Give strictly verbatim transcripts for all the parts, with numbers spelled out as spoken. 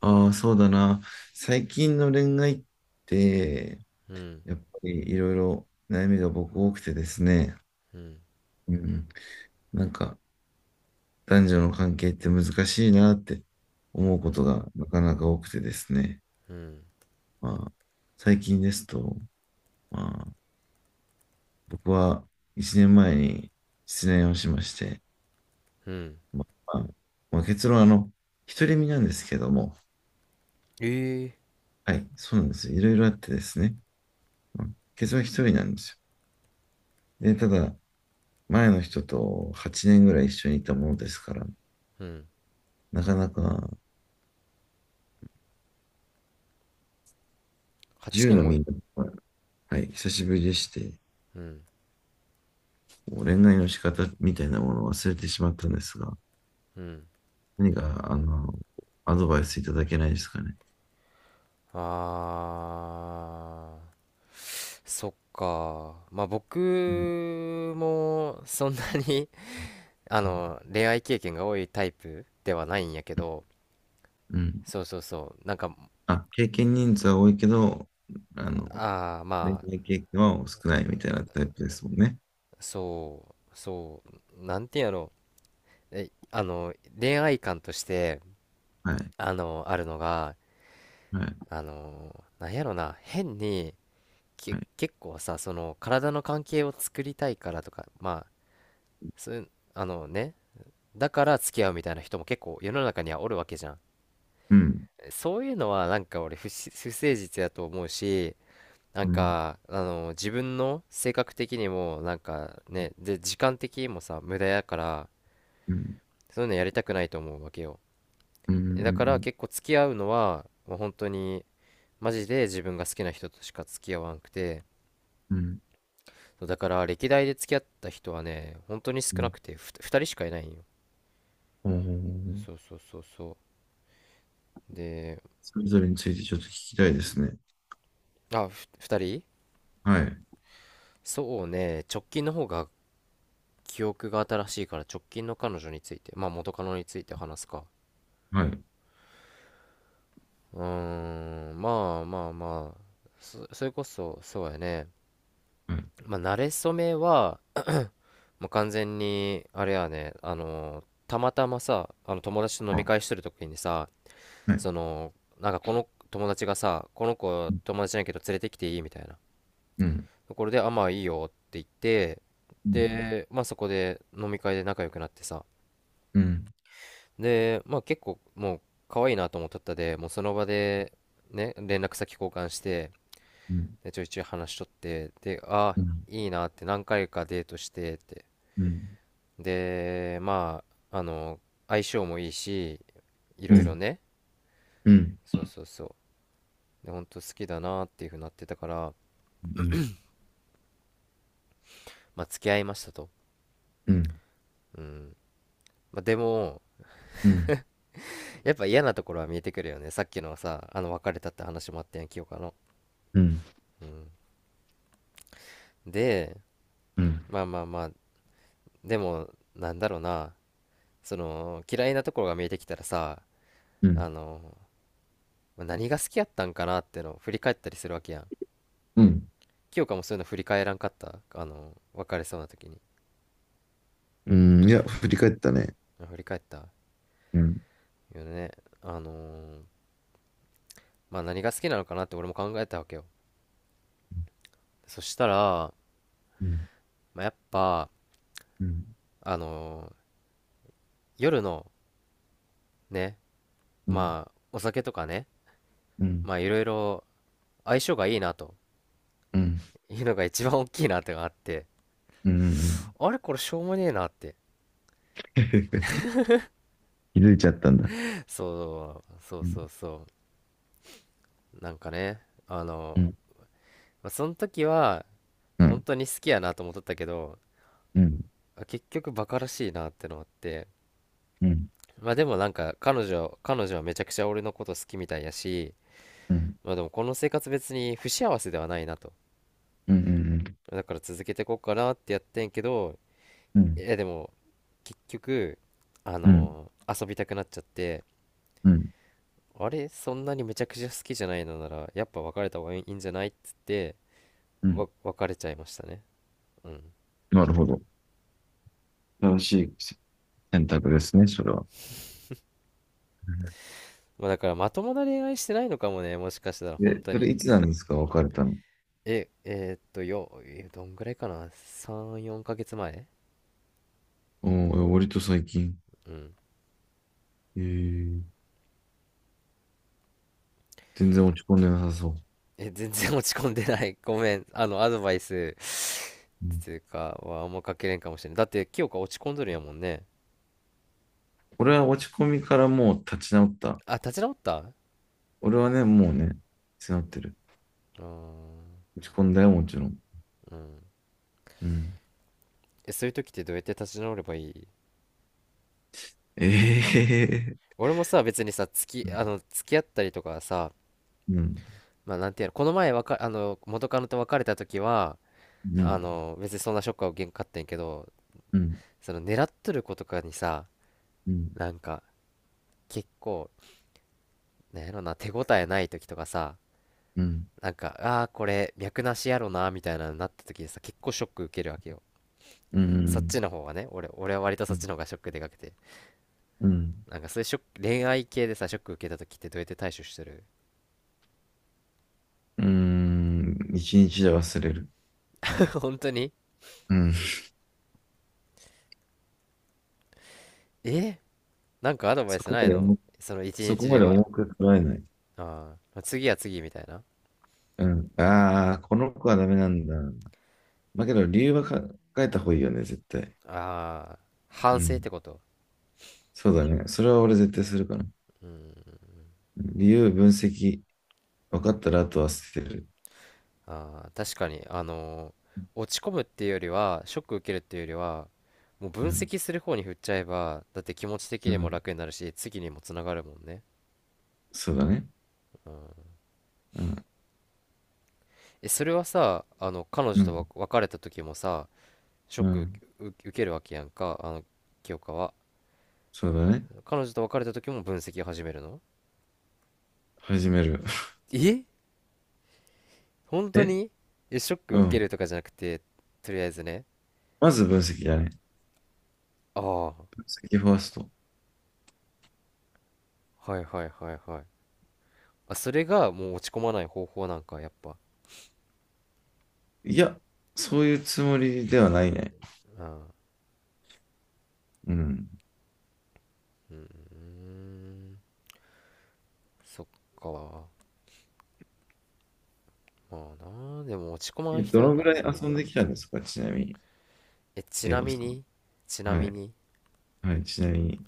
ああ、そうだな。最近の恋愛って、うん。やっぱりいろいろ悩みが僕多くてですね、うん。うん。なんか、男女の関係って難しいなって思ううこん。とがなかなか多くてですね。うん。まあ、最近ですと、まあ、僕はいちねんまえに失恋をしまして、うん。まあ、まあまあ結論はあの、独り身なんですけども、ええ。はい、そうなんですよ。いろいろあってですね、うん。結論は一人なんですよ。で、ただ、前の人とはちねんぐらい一緒にいたものですから、うん。なかなかいち はちねんのも。みんな、はい、久しぶりでして、うん。こう恋愛の仕方みたいなものを忘れてしまったんですが、うん。何か、あの、アドバイスいただけないですかね。あーそっか、まあうん。僕もそんなに あの恋愛経験が多いタイプではないんやけど。うん。そうそうそう、なんか、あ、経験人数は多いけど、あの、ああ、恋まあ、愛経験は少ないみたいなタイプですもんね。そうそう、なんていうんやろ、うえあの恋愛観として、はい。あのあるのが、はい。あのなんやろな、変に、はけい。結構さ、その体の関係を作りたいからとか、まあ、そういう、あのね、だから付き合うみたいな人も結構世の中にはおるわけじゃん。うん。そういうのは、なんか俺、不し、不誠実やと思うし、なんうん。かあの自分の性格的にもなんかね、で、時間的にもさ、無駄やから、うん。そういうのやりたくないと思うわけよ。うん。うだからん。結構付き合うのはもう本当に、マジで自分が好きな人としか付き合わなくて、うん。うん。そうだから歴代で付き合った人はね、本当に少うなん。くて、ふふたりしかいないんよ。おー。そうそうそうそう。で、それぞれについてちょっと聞きたいですね。あ、ふふたり。はい。そうね、直近の方が記憶が新しいから、直近の彼女について、まあ元カノについて話すか。はい。うーん、まあまあまあ、そ、それこそそうやね。はい。まあ慣れ初めは、もう完全にあれやね、あのーたまたまさ、あの友達と飲みあ、会してる時にさ、はい。その、なんかこの友達がさ、この子友達じゃなんけど連れてきていいみたいなうん。ところで、あ、まあいいよって言って、うん。で、まあそこで飲み会で仲良くなってさ、うん。で、まあ結構もう可愛いなと思っとった、でもうその場でね、連絡先交換して、うん。うん。で、ちょいちょい話しとって、で、あ、うん。いいなって、何回かデートしてって、うん。で、まああの相性もいいし、いうろいろん。ね、うん。そうそうそう、で、本当好きだなっていうふうになってたから、うん。まあ、付き合いましたと。うん。うん。うん。まあ、でも、うん。やっぱ嫌なところは見えてくるよね。さっきのさ、あの、別れたって話もあったやん、清香の。うん。うん。で、まあまあまあ、でも、なんだろうな、その、嫌いなところが見えてきたらさ、あうの、まあ何が好きやったんかなってのを振り返ったりするわけやん。ん。清香もそういうの振り返らんかった、あの、別れそうな時に。うん。いや、振り返ったね。まあ振り返ったうん。よね。あのーまあ何が好きなのかなって俺も考えたわけよ。そしたら、うん。まあ、やっぱ、うん。うん。あの夜のね、うん。まあ、お酒とかね、うん。まあ、いろいろ相性がいいなというのが一番大きいなってのがあって、うん。うん。あれこれしょうもねえなって。気づいちゃったんだ。そう、そううん。そうそう。なんかね、あうの、ん。まあ、その時はう本ん。当に好きやなと思っとったけど、うん。あ、結局バカらしいなってのあって、うん。まあでも、なんか、彼女、彼女はめちゃくちゃ俺のこと好きみたいやし、うん。まあでも、この生活別に不幸せではないなと。うん。うん。だから続けてこうかなってやってんけど、うん。え、でも結局、あうん。の遊びたくなっちゃって、うん。あれ、そんなにめちゃくちゃ好きじゃないのならやっぱ別れた方がいいんじゃないっつって、うん。わ別れちゃいましたね。うん。なるほど。正しい選択ですね、それは。まあだからまともな恋愛してないのかもね、もしかしたら本で、当それに。いつなんですか、別れたの？ええーっとよえどんぐらいかな、さんよんかげつまえ。うん、割と最近。うん。えー、全然落ち込んでなさそう。え全然落ち込んでない ごめん、あのアドバイスうっん、ていうかはあんまかけれんかもしれない、だって清香落ち込んどるんやもんね。俺は落ち込みからもう立ち直った。あ、立ち直った。う俺はね、もうね、立ち直ってる。ーん。落ち込んだよ、もちろん。うん。うん。え、そういう時ってどうやって立ち直ればいい？ええー。俺もさ、別にさ、付き、あの、付き合ったりとかさ、うん。まあなんていうの、この前、わか、あの、元カノと別れた時は、うあん。の、別にそんなショックは受けんかったんやけど、うん。その狙っとる子とかにさ、うん。なんか、結構、なんやろな、手応えない時とかさ、うん。なんか、ああ、これ、脈なしやろな、みたいなのになった時にさ、結構ショック受けるわけよ。うん。うそっん。ちの方がね、俺、俺は割とそっちの方がショックでかくて。うん。なんかそういうショック、恋愛系でさ、ショック受けた時ってどうやって対処してる？ 一日で忘れる。本当に？うん。えなんかアドバイそスこなまいでの？重、その一そこ日まででは。重く捉えない。ああ、次は次みたいな。うん。ああ、この子はダメなんだ。だけど理由はか考えた方がいいよね、絶対。ああ、反う省ってん。こと。そうだね。それは俺絶対するから。うん。理由、分析、分かったらあとは捨てる。ああ、確かに、あのー落ち込むっていうよりは、ショック受けるっていうよりは、もうう分ん。析する方に振っちゃえば、だって気持ち的うにもん。楽になるし、次にもつながるもんね。そうだね。うん。え、それはさ、あの、彼う女とわん。別れた時もさ、ショッうク、ん。受受けるわけやんか、あの、清香は。そうだね。彼女と別れた時も分析を始めるの？始める。え、本 当えに？え、ショックう受けん。るとかじゃなくて、とりあえずね。まず分析だね。ああ、分析ファースト。はいはいはいはい。あ、それがもう落ち込まない方法なんか、やっぱ。いや、そういうつもりではないね。うん。ううん。ーん、そっか。まあな、でも落ち込まんえ、ど人やのかぐららい遊な。んできたんですかちなみに、え、ち慶な吾みさん。に、ちなはみい。に、はい。ちなみに。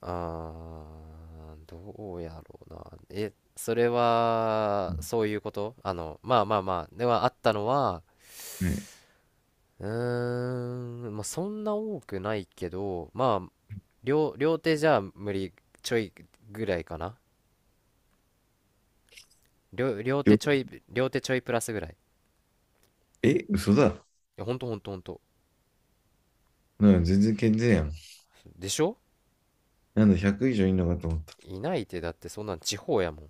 あー、どうやろうな。え、それうは、ん。そういうこと、あの、まあまあまあ、ではあったのは、はい。うーん、まあそんな多くないけど、まあ、両、両手じゃ無理、ちょいぐらいかな、両、両手ちょよい、両手ちょいプラスぐらい。いえ、嘘だ。や、ほんとほんとほんと。なんか全然健全やん。でしょ。なんだ、ひゃく以上いんのかと思った。いないって、だってそんなん地方やもん。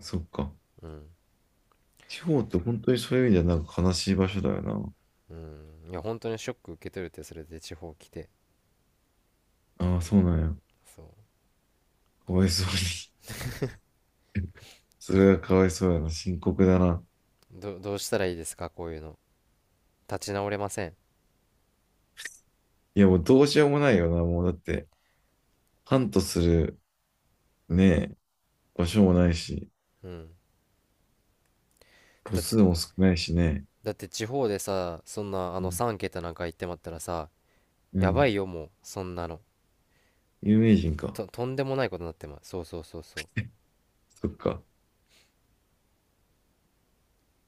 そっか。うん。地方って本当にそういう意味ではなんか悲しい場所だよな。うん。いや、本当にショック受け取るってそれで地方来て。ああ、そうなんや。そかわいそうに。それはかわいそうやな。深刻だな。う。ど、どうしたらいいですかこういうの。立ち直れません。いや、もうどうしようもないよな。もうだって、ハントするね、場所もないし、うん。個だっ数て、も少ないしね。だって地方でさ、そんなあうのん。さん桁なんか行ってまったらさ、うやばいん。よもう、そんなの。有名人か。と、とんでもないことになってますそうそうそうそう。そっか。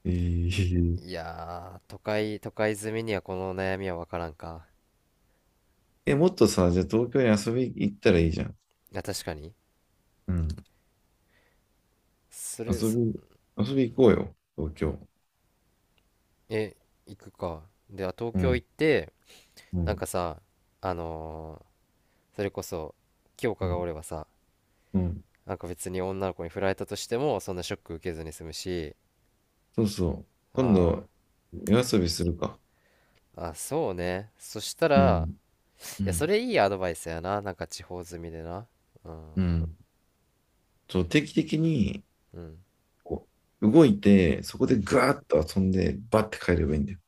えー、いやー、都会、都会住みにはこの悩みはわからんか。え、もっとさ、じゃあ東京に遊び行ったらいいじゃん。いや、確かに。うん。それ、遊び、そ遊び行こうよ。東京。え、行くか。では、東う京行ん。って、うなんん。かさ、あのーそれこそ、清香うがおん。ればさ、うん。なんか別に女の子に振られたとしても、そんなショック受けずに済むし、そうそう。今あ度、夜遊びするか。ーあ、そうね。そしたうら、ん。いうや、そん。れいいアドバイスやな。なんか地方住みでな。ううん、ん。そう、定期的に、うん、こう、動いて、そうこでん。ガーッと遊んで、バッて帰ればいいんだよ。